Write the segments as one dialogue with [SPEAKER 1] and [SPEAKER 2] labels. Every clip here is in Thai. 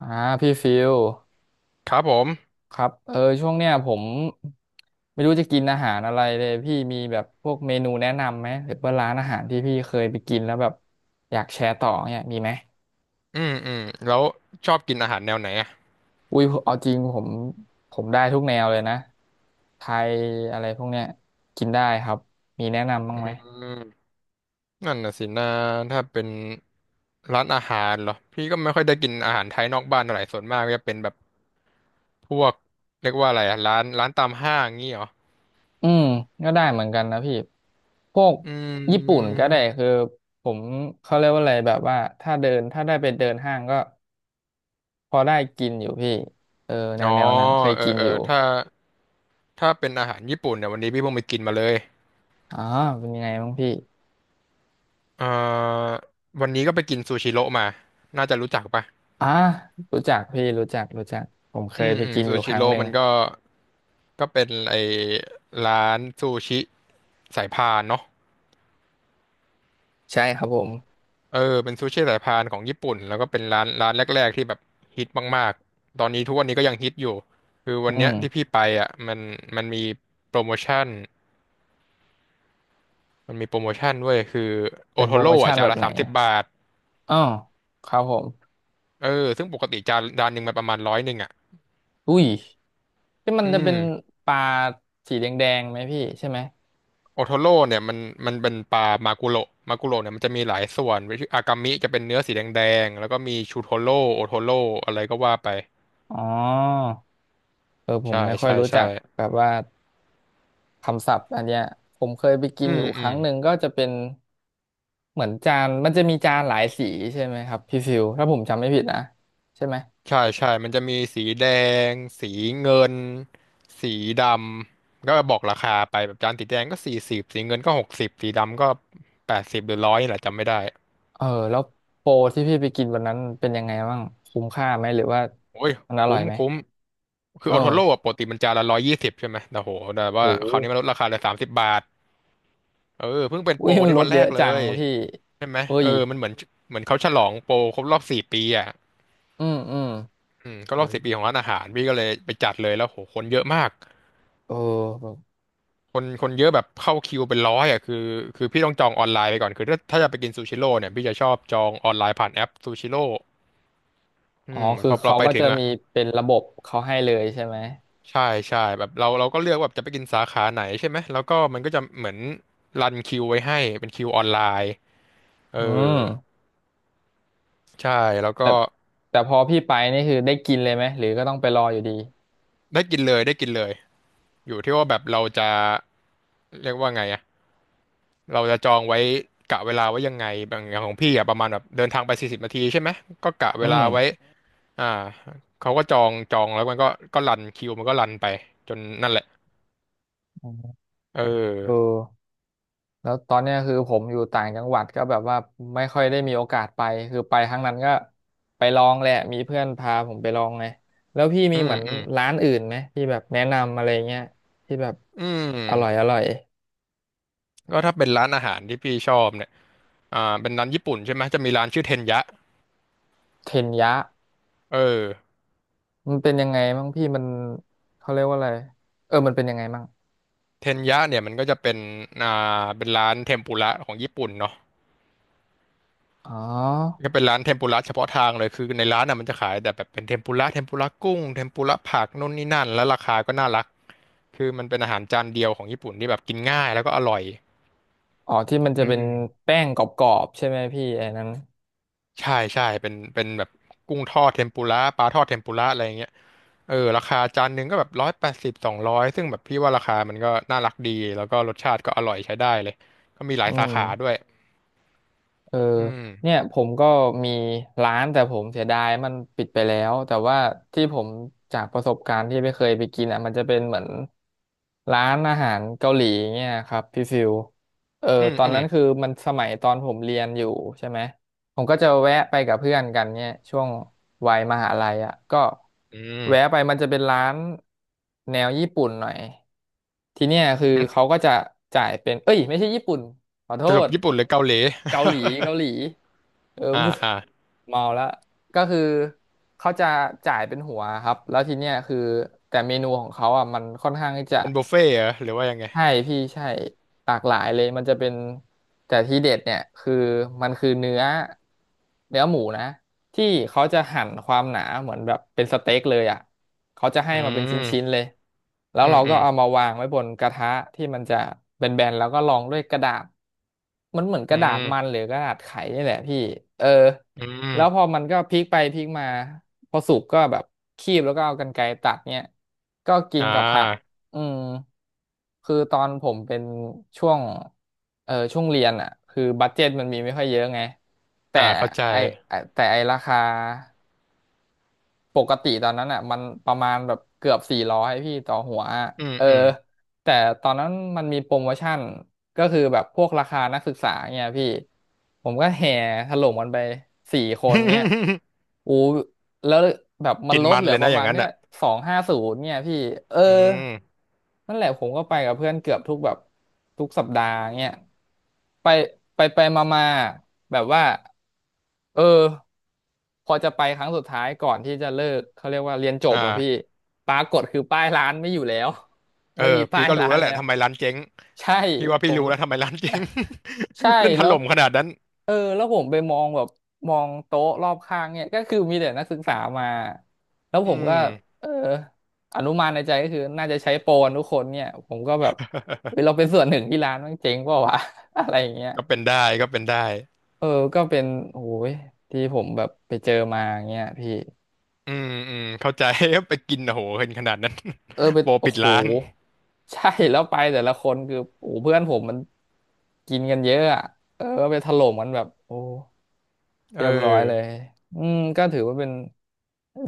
[SPEAKER 1] อ่าพี่ฟิล
[SPEAKER 2] ครับผม
[SPEAKER 1] ครับเออช่วงเนี้ยผมไม่รู้จะกินอาหารอะไรเลยพี่มีแบบพวกเมนูแนะนำไหมหรือว่าร้านอาหารที่พี่เคยไปกินแล้วแบบอยากแชร์ต่อเนี่ยมีไหม
[SPEAKER 2] อืมอืมแล้วชอบกินอาหารแนวไหนอ่ะ
[SPEAKER 1] อุ้ยเอาจริงผมได้ทุกแนวเลยนะไทยอะไรพวกเนี้ยกินได้ครับมีแนะนำบ้าง
[SPEAKER 2] อื
[SPEAKER 1] ไหม
[SPEAKER 2] มนั่นน่ะสินะถ้าเป็นร้านอาหารเหรอพี่ก็ไม่ค่อยได้กินอาหารไทยนอกบ้านเท่าไหร่ส่วนมากก็จะเป็นแบบพวกเรียกว่าอะไรอ่ะร้านตามห้างงี้เหรอ
[SPEAKER 1] อืมก็ได้เหมือนกันนะพี่พวก
[SPEAKER 2] อื
[SPEAKER 1] ญี่ปุ่นก็
[SPEAKER 2] ม
[SPEAKER 1] ได้คือผมเขาเรียกว่าอะไรแบบว่าถ้าเดินถ้าได้ไปเดินห้างก็ พอได้กินอยู่พี่เออแน
[SPEAKER 2] อ๋
[SPEAKER 1] ว
[SPEAKER 2] อ
[SPEAKER 1] แนวนั้นเคย
[SPEAKER 2] เออ
[SPEAKER 1] กิน
[SPEAKER 2] เออ
[SPEAKER 1] อยู่
[SPEAKER 2] ถ้าเป็นอาหารญี่ปุ่นเนี่ยวันนี้พี่เพิ่งไปกินมาเลย
[SPEAKER 1] อ๋อเป็นยังไงบ้างพี่
[SPEAKER 2] เอ่อวันนี้ก็ไปกินซูชิโร่มาน่าจะรู้จักปะ
[SPEAKER 1] อ่ารู้จักพี่รู้จักรู้จักผมเคยไปกินอ
[SPEAKER 2] ซู
[SPEAKER 1] ยู่ค
[SPEAKER 2] ชิ
[SPEAKER 1] รั้ง
[SPEAKER 2] โร่
[SPEAKER 1] หนึ่ง
[SPEAKER 2] มันก็เป็นไอร้านซูชิสายพานเนาะ
[SPEAKER 1] ใช่ครับผม
[SPEAKER 2] เออเป็นซูชิสายพานของญี่ปุ่นแล้วก็เป็นร้านแรกๆที่แบบฮิตมากๆ ตอนนี้ทุกวันนี้ก็ยังฮิตอยู่ คือวั
[SPEAKER 1] อื
[SPEAKER 2] นเนี้ย
[SPEAKER 1] ม
[SPEAKER 2] ที่พี่ไปอ่ะมันมันมีโปรโมชั่นมันมีโปรโมชั่นด้วยคือโอ
[SPEAKER 1] เป็น
[SPEAKER 2] โท
[SPEAKER 1] โปรโม
[SPEAKER 2] โร่
[SPEAKER 1] ชั่
[SPEAKER 2] อ่ะ
[SPEAKER 1] น
[SPEAKER 2] จา
[SPEAKER 1] แบ
[SPEAKER 2] น
[SPEAKER 1] บ
[SPEAKER 2] ละ
[SPEAKER 1] ไหน
[SPEAKER 2] สามสิบบาท
[SPEAKER 1] อ๋อครับผม
[SPEAKER 2] เออซึ่งปกติจานหนึ่งมันประมาณ100อ่ะ
[SPEAKER 1] อุ้ยที่มัน
[SPEAKER 2] อื
[SPEAKER 1] จะเป็
[SPEAKER 2] ม
[SPEAKER 1] นปลาสีแดงๆไหมพี่ใช่ไหม
[SPEAKER 2] โอโทโร่เนี่ยมันเป็นปลามากุโระเนี่ยมันจะมีหลายส่วนอากามิจะเป็นเนื้อสีแดงๆแล้วก็มีชูโทโร่โอโทโร่อะไรก็ว่าไป
[SPEAKER 1] อ๋อเออผม
[SPEAKER 2] ใช่
[SPEAKER 1] ไม่ค่อย
[SPEAKER 2] ใช่
[SPEAKER 1] รู้
[SPEAKER 2] ใช่
[SPEAKER 1] จักแบบว่า คำศัพท์อันเนี้ยผมเคยไปกิ
[SPEAKER 2] อื
[SPEAKER 1] นอ
[SPEAKER 2] ม
[SPEAKER 1] ยู่ค
[SPEAKER 2] อื
[SPEAKER 1] รั้
[SPEAKER 2] ม
[SPEAKER 1] งหนึ่งก็จะเป็นเหมือนจานมันจะมีจานหลายสีใช่ไหมครับพี่ฟิวถ้าผมจำไม่ผิดนะใช่ไหม
[SPEAKER 2] ใช่ใช่มันจะมีสีแดงสีเงินสีดำก็บอกราคาไปแบบจานสีแดงก็สี่สิบสีเงินก็60สีดำก็แปดสิบหรือร้อยนี่แหละจำไม่ได้
[SPEAKER 1] เออแล้วโปรที่พี่ไปกินวันนั้นเป็นยังไงบ้างคุ้มค่าไหมหรือว่า
[SPEAKER 2] โอ้ย
[SPEAKER 1] มันอร่
[SPEAKER 2] คุ้
[SPEAKER 1] อย
[SPEAKER 2] ม
[SPEAKER 1] ไหม
[SPEAKER 2] คุ้มคือ
[SPEAKER 1] เอ
[SPEAKER 2] โอโทโร่
[SPEAKER 1] อ
[SPEAKER 2] อะปกติมันจานละ120ใช่ไหมแต่โหแต่ว่าคราวนี้
[SPEAKER 1] โห
[SPEAKER 2] มันลดราคาเหลอสามสิบบาท เออเพิ่งเป็น
[SPEAKER 1] อุ้
[SPEAKER 2] โปร
[SPEAKER 1] ย
[SPEAKER 2] วัน
[SPEAKER 1] มัน
[SPEAKER 2] นี้
[SPEAKER 1] ลด
[SPEAKER 2] วันแร
[SPEAKER 1] เยอะ
[SPEAKER 2] กเล
[SPEAKER 1] จัง
[SPEAKER 2] ย
[SPEAKER 1] พี่
[SPEAKER 2] ใช่ไหม
[SPEAKER 1] อุ้
[SPEAKER 2] เอ
[SPEAKER 1] ย
[SPEAKER 2] อมันเหมือนเขาฉลองโปรครบรอบสี่ปีอ่ะ
[SPEAKER 1] อืมอืม
[SPEAKER 2] อืมก็
[SPEAKER 1] โอื
[SPEAKER 2] รอบ
[SPEAKER 1] ม
[SPEAKER 2] สี่ปีของร้านอาหารพี่ก็เลยไปจัดเลยแล้วโหคนเยอะมาก
[SPEAKER 1] เออแบบ
[SPEAKER 2] คนเยอะแบบเข้าคิวเป็นร้อยอ่ะคือพี่ต้องจองออนไลน์ไปก่อนคือถ้าจะไปกินซูชิโร่เนี่ยพี่จะชอบจองออนไลน์ผ่านแอปซูชิโร่อื
[SPEAKER 1] อ๋อ
[SPEAKER 2] ม
[SPEAKER 1] คื
[SPEAKER 2] พ
[SPEAKER 1] อ
[SPEAKER 2] อเรา
[SPEAKER 1] เขา
[SPEAKER 2] ไป
[SPEAKER 1] ก็
[SPEAKER 2] ถึ
[SPEAKER 1] จะ
[SPEAKER 2] งอ่ะ
[SPEAKER 1] มีเป็นระบบเขาให้เลยใช่ไหม
[SPEAKER 2] ใช่ใช่แบบเราก็เลือกว่าแบบจะไปกินสาขาไหนใช่ไหมแล้วก็มันก็จะเหมือนรันคิวไว้ให้เป็นคิวออนไลน์เออ
[SPEAKER 1] อืม
[SPEAKER 2] ใช่แล้วก็
[SPEAKER 1] แต่พอพี่ไปนี่คือได้กินเลยไหมหรือก็ต้องไปรออยู่ดี
[SPEAKER 2] ได้กินเลยได้กินเลย อยู่ที่ว่าแบบเราจะเรียกว่าไงอะเราจะจองไว้กะเวลาไว้ยังไงบางอย่างของพี่อะประมาณแบบเดินทางไป40 นาทีใช่ไหมก็กะเว
[SPEAKER 1] อื
[SPEAKER 2] ลา
[SPEAKER 1] ม
[SPEAKER 2] ไว้อ่าเขาก็จองแล้วมันก็ก็รันคิวมันก็รันไปจนนั่นแหละ
[SPEAKER 1] อ๋อ
[SPEAKER 2] เอ
[SPEAKER 1] เออ
[SPEAKER 2] อ
[SPEAKER 1] แล้วตอนเนี้ยคือผมอยู่ต่างจังหวัดก็แบบว่าไม่ค่อยได้มีโอกาสไปคือไปครั้งนั้นก็ไปลองแหละมีเพื่อนพาผมไปลองไงแล้วพี่มี
[SPEAKER 2] อื
[SPEAKER 1] เห
[SPEAKER 2] ม
[SPEAKER 1] มือน
[SPEAKER 2] อืม
[SPEAKER 1] ร้านอื่นไหมที่แบบแนะนำอะไรเงี้ยที่แบบ
[SPEAKER 2] อื
[SPEAKER 1] อร่อย
[SPEAKER 2] ม
[SPEAKER 1] อร่อย
[SPEAKER 2] ก็ถ้าเป็นร้านอาหารที่พี่ชอบเนี่ยอ่าเป็นร้านญี่ปุ่นใช่ไหมจะมีร้านชื่อเทนยะ
[SPEAKER 1] เทนยะ
[SPEAKER 2] เออ
[SPEAKER 1] มันเป็นยังไงบ้างพี่มันเขาเรียกว่าอะไรเออมันเป็นยังไงบ้าง
[SPEAKER 2] เทนยะเนี่ยมันก็จะเป็นอ่าเป็นร้านเทมปุระของญี่ปุ่นเนาะ
[SPEAKER 1] อ๋อ
[SPEAKER 2] ก็เป็นร้านเทมปุระเฉพาะทางเลยคือในร้านน่ะมันจะขายแต่แบบเป็นเทมปุระเทมปุระกุ้งเทมปุระผักนู่นนี่นั่นแล้วราคาก็น่ารักคือมันเป็นอาหารจานเดียวของญี่ปุ่นที่แบบกินง่ายแล้วก็อร่อย
[SPEAKER 1] อ๋อที่มันจะ
[SPEAKER 2] อื
[SPEAKER 1] เป็น
[SPEAKER 2] ม
[SPEAKER 1] แป้งกรอบๆใช่ไหมพี่ไอ้นั้น
[SPEAKER 2] ใช่ใช่เป็นแบบกุ้งทอดเทมปุระปลาทอดเทมปุระอะไรอย่างเงี้ยเออราคาจานหนึ่งก็แบบ180200ซึ่งแบบพี่ว่าราคามันก็น่ารักดีแล้วก็รสชาติก็อร่อยใช้ได้เลยก็มีหลา
[SPEAKER 1] อื
[SPEAKER 2] ยสา
[SPEAKER 1] ม
[SPEAKER 2] ขาด้วย
[SPEAKER 1] เออ
[SPEAKER 2] อืม
[SPEAKER 1] เนี่ยผมก็มีร้านแต่ผมเสียดายมันปิดไปแล้วแต่ว่าที่ผมจากประสบการณ์ที่ไม่เคยไปกินอ่ะมันจะเป็นเหมือนร้านอาหารเกาหลีเนี่ยครับพี่ฟิวเออ
[SPEAKER 2] อืม
[SPEAKER 1] ตอน
[SPEAKER 2] อืม
[SPEAKER 1] นั้นคือมันสมัยตอนผมเรียนอยู่ใช่ไหม ผมก็จะแวะไปกับเพื่อนกันเนี่ยช่วงวัยมหาลัยอ่ะก็
[SPEAKER 2] อื
[SPEAKER 1] แวะ
[SPEAKER 2] ม
[SPEAKER 1] ไปมันจะเป็นร้านแนวญี่ปุ่นหน่อยทีเนี้ยคือ
[SPEAKER 2] อื
[SPEAKER 1] เขา
[SPEAKER 2] ม
[SPEAKER 1] ก็จะจ่ายเป็นเอ้ยไม่ใช่ญี่ปุ่นขอโท
[SPEAKER 2] สรุป
[SPEAKER 1] ษ
[SPEAKER 2] ญี่ปุ่นหรือเกาหลี
[SPEAKER 1] เกา หลีเกาหลีเออ
[SPEAKER 2] อ่า
[SPEAKER 1] พูด
[SPEAKER 2] อ่า
[SPEAKER 1] เมาแล้วก็คือเขาจะจ่ายเป็นหัวครับแล้วทีเนี้ยคือแต่เมนูของเขาอ่ะมันค่อนข้างที่จะ
[SPEAKER 2] เป็นบุฟเฟ่ต์เหรอหรือว่ายังไง
[SPEAKER 1] ใช่พี่ใช่หลากหลายเลยมันจะเป็นแต่ที่เด็ดเนี่ยคือมันคือเนื้อเนื้อหมูนะที่เขาจะหั่นความหนาเหมือนแบบเป็นสเต็กเลยอ่ะเขาจะให้
[SPEAKER 2] อื
[SPEAKER 1] มาเป็นชิ้น
[SPEAKER 2] ม
[SPEAKER 1] ๆเลยแล้ว
[SPEAKER 2] อืม
[SPEAKER 1] เรา
[SPEAKER 2] อื
[SPEAKER 1] ก็
[SPEAKER 2] ม
[SPEAKER 1] เอามาวางไว้บนกระทะที่มันจะแบนๆแล้วก็รองด้วยกระดาษมันเหมือนก
[SPEAKER 2] อื
[SPEAKER 1] ระดาษมัน
[SPEAKER 2] ม
[SPEAKER 1] หรือกระดาษไขนี่แหละพี่เออ
[SPEAKER 2] อื
[SPEAKER 1] แล้วพอ
[SPEAKER 2] ม
[SPEAKER 1] มันก็พลิกไปพลิกมาพอสุกก็แบบคีบแล้วก็เอากรรไกรตัดเนี่ยก็กิน
[SPEAKER 2] อ่
[SPEAKER 1] กับผัก
[SPEAKER 2] า
[SPEAKER 1] อืมคือตอนผมเป็นช่วงเออช่วงเรียนอ่ะคือบัดเจ็ตมันมีไม่ค่อยเยอะไงแต่
[SPEAKER 2] อ่าเข้าใจ
[SPEAKER 1] ไอไอ้แต่ไอราคาปกติตอนนั้นอ่ะมันประมาณแบบเกือบ400พี่ต่อหัวอะ
[SPEAKER 2] อืม
[SPEAKER 1] เออ
[SPEAKER 2] อืม
[SPEAKER 1] แต่ตอนนั้นมันมีโปรโมชั่นก็คือแบบพวกราคานักศึกษาเนี่ยพี่ผมก็แห่ถล่มกันไป4 คนเนี่ย อู้ แล้วแบบมัน
[SPEAKER 2] กิน
[SPEAKER 1] ลด
[SPEAKER 2] มั
[SPEAKER 1] เห
[SPEAKER 2] น
[SPEAKER 1] ลื
[SPEAKER 2] เล
[SPEAKER 1] อ
[SPEAKER 2] ย
[SPEAKER 1] ป
[SPEAKER 2] นะ
[SPEAKER 1] ระ
[SPEAKER 2] อ
[SPEAKER 1] มา
[SPEAKER 2] ย่าง
[SPEAKER 1] ณ
[SPEAKER 2] นั้น
[SPEAKER 1] เนี้ย
[SPEAKER 2] อ่ะ
[SPEAKER 1] 250เนี่ยพี่เออ
[SPEAKER 2] อืม
[SPEAKER 1] นั่นแหละผมก็ไปกับเพื่อนเกือบทุกแบบทุกสัปดาห์เนี่ยไปไปมามาแบบว่าเออพอจะไปครั้งสุดท้ายก่อนที่จะเลิกเขาเรียกว่าเรียนจบอะพี่
[SPEAKER 2] อ่า
[SPEAKER 1] ปรากฏคือป้ายร้านไม่อยู่แล้ว
[SPEAKER 2] เออ
[SPEAKER 1] ไม่มีป้า
[SPEAKER 2] พี่
[SPEAKER 1] ย
[SPEAKER 2] ก็รู้
[SPEAKER 1] ร้าน
[SPEAKER 2] แล้วแห
[SPEAKER 1] แล้
[SPEAKER 2] ละ
[SPEAKER 1] ว
[SPEAKER 2] ทำไมร้านเจ๊ง
[SPEAKER 1] ใช่
[SPEAKER 2] พี่ว่า
[SPEAKER 1] ผ
[SPEAKER 2] พี่
[SPEAKER 1] ม
[SPEAKER 2] รู้ แล้วทำไมร้านเจ๊ง
[SPEAKER 1] ใช่
[SPEAKER 2] เล่นถ
[SPEAKER 1] แล้ว
[SPEAKER 2] ล่มขนาดนั้น
[SPEAKER 1] เออแล้วผมไปมองแบบมองโต๊ะรอบข้างเนี่ยก็คือมีแต่นักศึกษามาแล้ว
[SPEAKER 2] อื
[SPEAKER 1] ผมก็
[SPEAKER 2] ม
[SPEAKER 1] เอออนุมานในใจก็คือน่าจะใช้โปรกันทุกคนเนี่ยผมก็แบบเฮ้ยเราเป็นส่วนหนึ่งที่ร้านมันเจ๊งเปล่าวะ อะไรอย่างเงี้ย
[SPEAKER 2] ก็เป็นได้ก็เป็นได้
[SPEAKER 1] เออก็เป็นโอ้ยที่ผมแบบไปเจอมาอย่างเงี้ยพี่
[SPEAKER 2] เข้าใจ ไปกินโอ้โหเห็นขนาดนั้น
[SPEAKER 1] เออไป
[SPEAKER 2] โปร
[SPEAKER 1] โอ้
[SPEAKER 2] ปิด
[SPEAKER 1] โห
[SPEAKER 2] ร้าน
[SPEAKER 1] ใช่แล้วไปแต่ละคนคือโอ้โหเพื่อนผมมันกินกันเยอะอ่ะเออไปถล่มกันแบบโอ้
[SPEAKER 2] เอ
[SPEAKER 1] เรี
[SPEAKER 2] อ
[SPEAKER 1] ยบร้อยเลยอืมก็ถือว่าเป็น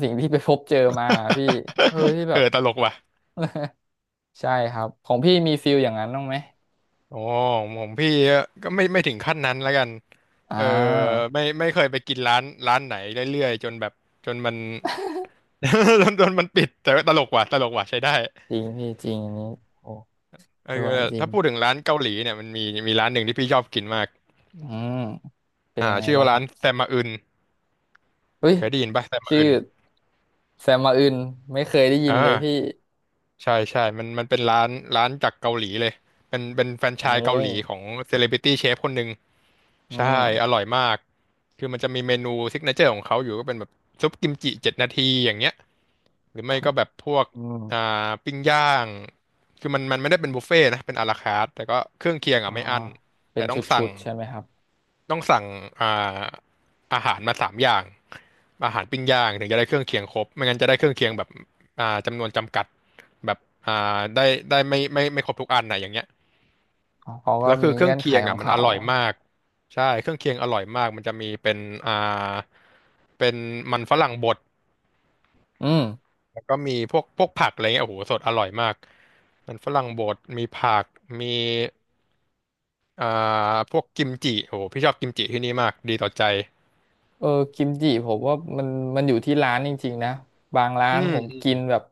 [SPEAKER 1] สิ่งที่ไปพบเจอมาพี่เออที่ แบ
[SPEAKER 2] เออ
[SPEAKER 1] บ
[SPEAKER 2] ตลกว่ะ
[SPEAKER 1] ใช่ครับ ของพี่มีฟิลอย่างนั้นบ้างไหม
[SPEAKER 2] อ๋อของพี่ก็ไม่ถึงขั้นนั้นแล้วกัน
[SPEAKER 1] อ่า
[SPEAKER 2] เออไม่เคยไปกินร้านไหนเรื่อยๆจนแบบจนมัน จนมันปิดแต่ว่าตลกว่ะตลกว่ะใช้ได้
[SPEAKER 1] จริงพี่จริงอันนี้โอ้
[SPEAKER 2] เอ
[SPEAKER 1] ด้วย
[SPEAKER 2] อ
[SPEAKER 1] จริ
[SPEAKER 2] ถ้า
[SPEAKER 1] ง
[SPEAKER 2] พูดถึงร้านเกาหลีเนี่ยมันมีร้านหนึ่งที่พี่ชอบกินมาก
[SPEAKER 1] อืมเป็น
[SPEAKER 2] อ่า
[SPEAKER 1] ยังไง
[SPEAKER 2] ชื่อ
[SPEAKER 1] บ้า
[SPEAKER 2] ว่า
[SPEAKER 1] งค
[SPEAKER 2] ร้า
[SPEAKER 1] รั
[SPEAKER 2] น
[SPEAKER 1] บ
[SPEAKER 2] แซมมาอึน
[SPEAKER 1] เฮ้ย
[SPEAKER 2] เคยได้ยินป่ะแซมมา
[SPEAKER 1] ชื่อ
[SPEAKER 2] อึน
[SPEAKER 1] แซมมาอึนไม่เคยได้ยิน
[SPEAKER 2] อ่า
[SPEAKER 1] เลยพี่
[SPEAKER 2] ใช่ใช่มันเป็นร้านร้านจากเกาหลีเลยเป็นแฟรนไช
[SPEAKER 1] โม
[SPEAKER 2] ส์เกาหลีของเซเลบริตี้เชฟคนหนึ่ง
[SPEAKER 1] อื
[SPEAKER 2] ใช่
[SPEAKER 1] ม
[SPEAKER 2] อร่อยมากคือมันจะมีเมนูซิกเนเจอร์ของเขาอยู่ก็เป็นแบบซุปกิมจิ7 นาทีอย่างเงี้ย หรือ
[SPEAKER 1] ค
[SPEAKER 2] ไม่
[SPEAKER 1] รับ
[SPEAKER 2] ก็แบบพวก
[SPEAKER 1] อืม
[SPEAKER 2] อ่าปิ้งย่างคือมันไม่ได้เป็นบุฟเฟ่ต์นะเป็นอาราคาร์ทแต่ก็เครื่องเคียง
[SPEAKER 1] อ๋อ
[SPEAKER 2] อ่ะไม่อั้น
[SPEAKER 1] เป็
[SPEAKER 2] แต่
[SPEAKER 1] นช
[SPEAKER 2] ต้อง
[SPEAKER 1] ุ
[SPEAKER 2] สั่ง
[SPEAKER 1] ดๆใช่ไหมครับ
[SPEAKER 2] ต้องสั่งอ่าอาหารมา3 อย่างอาหารปิ้งย่างถึงจะได้เครื่องเคียงครบไม่งั้นจะได้เครื่องเคียงแบบจำนวนจำกัดแบบอ่าได้ได้ไม่ครบทุกอันนะอย่างเงี้ย
[SPEAKER 1] อ๋อเขาก็
[SPEAKER 2] แล้วคื
[SPEAKER 1] มี
[SPEAKER 2] อเครื่อ
[SPEAKER 1] เงื่
[SPEAKER 2] ง
[SPEAKER 1] อนไข
[SPEAKER 2] เคียง
[SPEAKER 1] ของ
[SPEAKER 2] อ่ะมันอ
[SPEAKER 1] เขา
[SPEAKER 2] ร่อยมากใช่เครื่องเคียงอร่อยมากมันจะมีเป็นอ่าเป็นมันฝรั่งบด
[SPEAKER 1] อืม
[SPEAKER 2] แล้วก็มีพวกผักอะไรเงี้ยโอ้โหสดอร่อยมากมันฝรั่งบดมีผักมีอ่าพวกกิมจิโอ้โหพี่ชอบกิมจิที่นี่มากดีต่อใจ
[SPEAKER 1] เออกิมจิผมว่ามันอยู่ที่ร้านจริงๆนะบางร้า
[SPEAKER 2] อื
[SPEAKER 1] น
[SPEAKER 2] ม
[SPEAKER 1] ผม
[SPEAKER 2] อืม
[SPEAKER 1] กินแบบ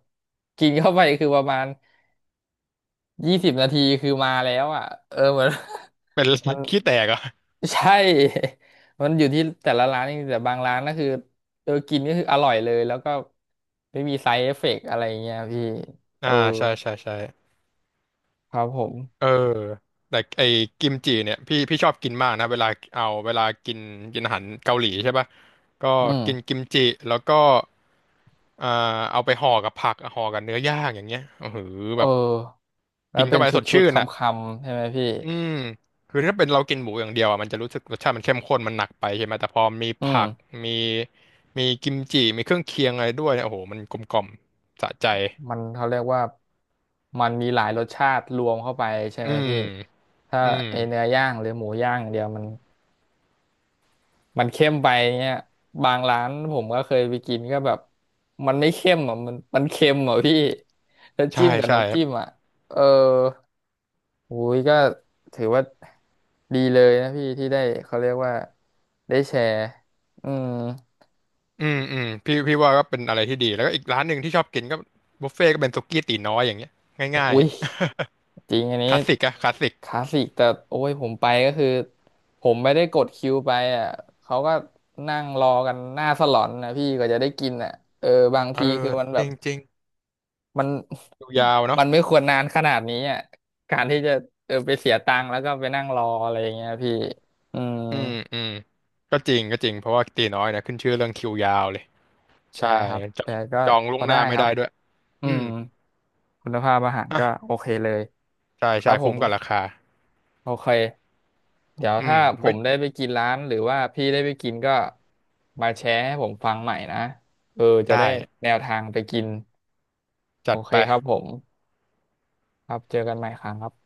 [SPEAKER 1] กินเข้าไปคือประมาณ20 นาทีคือมาแล้วอ่ะเออเหมือน
[SPEAKER 2] เป็น
[SPEAKER 1] มัน
[SPEAKER 2] ขี้แตกเหรอ่ะ
[SPEAKER 1] ใช่ มันอยู่ที่แต่ละร้านจริงๆแต่บางร้านก็คือเออกินก็คืออร่อยเลยแล้วก็ไม่มีไซ d ์เอฟเฟกต์อะไรอย่างเงี้ยพี่เอ
[SPEAKER 2] อ่า
[SPEAKER 1] อ
[SPEAKER 2] ใช่ใช่ใช่
[SPEAKER 1] ครับผม
[SPEAKER 2] เออแต่ไอ้กิมจิเนี่ยพี่ชอบกินมากนะเวลาเอาเวลากินกินอาหารเกาหลีใช่ปะก็
[SPEAKER 1] อืม
[SPEAKER 2] กินกิมจิแล้วก็อ่าเอาไปห่อกับผักห่อกับเนื้อย่างอย่างเงี้ยโอ้โห
[SPEAKER 1] เอ
[SPEAKER 2] แบ
[SPEAKER 1] อ
[SPEAKER 2] บ
[SPEAKER 1] แล้
[SPEAKER 2] กิ
[SPEAKER 1] ว
[SPEAKER 2] น
[SPEAKER 1] เป็
[SPEAKER 2] เข้า
[SPEAKER 1] น
[SPEAKER 2] ไป
[SPEAKER 1] ช
[SPEAKER 2] สด
[SPEAKER 1] ุด
[SPEAKER 2] ชื่
[SPEAKER 1] ๆค
[SPEAKER 2] นอ่ะ
[SPEAKER 1] ำๆใช่ไหมพี่
[SPEAKER 2] อืมคือถ้าเป็นเรากินหมูอย่างเดียวอ่ะมันจะรู้สึกรสชาติมันเข้มข้นมันหนักไปใช่ไหมแต่พอมี
[SPEAKER 1] อืม
[SPEAKER 2] ผักมีมีกิมจิมีเครื่องเคียงอะไรด้วยเนี่ยโอ้โหมันกลมกล่อมสะใจ
[SPEAKER 1] มันเขาเรียกว่ามันมีหลายรสชาติรวมเข้าไปใช่
[SPEAKER 2] อื
[SPEAKER 1] ไหม
[SPEAKER 2] ม
[SPEAKER 1] พี่ถ้า
[SPEAKER 2] อืม
[SPEAKER 1] ไอเนื้อย่างหรือหมูย่างอย่างเดียวมันเข้มไปเงี้ยบางร้านผมก็เคยไปกินก็แบบมันไม่เข้มอ่ะมันเค็มอ่ะพี่แล้ว
[SPEAKER 2] ใช่
[SPEAKER 1] จิ้มกับ
[SPEAKER 2] ใช่
[SPEAKER 1] น้ำ
[SPEAKER 2] ครั
[SPEAKER 1] จิ้ม
[SPEAKER 2] บ
[SPEAKER 1] อ่ะเอออุ้ยก็ถือว่าดีเลยนะพี่ที่ได้เขาเรียกว่าได้แชร์อืม
[SPEAKER 2] อืมอืมพี่ว่าก็เป็นอะไรที่ดีแล้วก็อีกร้านหนึ่งที่ชอบกินก็บุฟเฟ่ก็เป็นสุกี้ตี๋น้อยอย่างเงี้ยง่าย
[SPEAKER 1] อุ้ยจริงอัน
[SPEAKER 2] ๆ
[SPEAKER 1] นี้
[SPEAKER 2] คลาสสิกอะคลาสสิก
[SPEAKER 1] คลาสสิกแต่โอ้ยผมไปก็คือผมไม่ได้กดคิวไปอ่ะเขาก็นั่งรอกันหน้าสลอนนะพี่ก็จะได้กินอ่ะเออบาง
[SPEAKER 2] เออ
[SPEAKER 1] ทีคือมันแบ
[SPEAKER 2] จ
[SPEAKER 1] บ
[SPEAKER 2] ริงจริง
[SPEAKER 1] มัน
[SPEAKER 2] คิวยาว เนาะ
[SPEAKER 1] มันไม่ควรนานขนาดนี้อ่ะการที่จะเออไปเสียตังค์แล้วก็ไปนั่งรออะไรอย่างเงี้ยพี่อืม
[SPEAKER 2] อืมอืมก็จริงเพราะว่าตี๋น้อยเนะขึ้นชื่อเรื่องคิวยาวเลย ใช่
[SPEAKER 1] ใช่ครับ
[SPEAKER 2] จอ
[SPEAKER 1] แต่
[SPEAKER 2] ง
[SPEAKER 1] ก็
[SPEAKER 2] จอง
[SPEAKER 1] พ
[SPEAKER 2] ล่ว
[SPEAKER 1] อ
[SPEAKER 2] งห
[SPEAKER 1] ได้
[SPEAKER 2] น้าไม่
[SPEAKER 1] ครั
[SPEAKER 2] ได้
[SPEAKER 1] บ
[SPEAKER 2] ด้วย
[SPEAKER 1] อื
[SPEAKER 2] อื
[SPEAKER 1] ม
[SPEAKER 2] ม
[SPEAKER 1] คุณภาพอาหารก็
[SPEAKER 2] อ่ะ
[SPEAKER 1] โอเคเลย
[SPEAKER 2] ใช่
[SPEAKER 1] ครั
[SPEAKER 2] ใช่
[SPEAKER 1] บผ
[SPEAKER 2] คุ้ม
[SPEAKER 1] ม
[SPEAKER 2] กับราคา
[SPEAKER 1] โอเค เดี๋ยว
[SPEAKER 2] อื
[SPEAKER 1] ถ้า
[SPEAKER 2] ม
[SPEAKER 1] ผ
[SPEAKER 2] ไว้
[SPEAKER 1] มได้ไปกินร้านหรือว่าพี่ได้ไปกินก็มาแชร์ให้ผมฟังใหม่นะเออจะ
[SPEAKER 2] ได้
[SPEAKER 1] ได้แนวทางไปกิน โอ
[SPEAKER 2] จัด
[SPEAKER 1] เค
[SPEAKER 2] ไป
[SPEAKER 1] ครับผม ครับเจอกันใหม่ครั้งครับ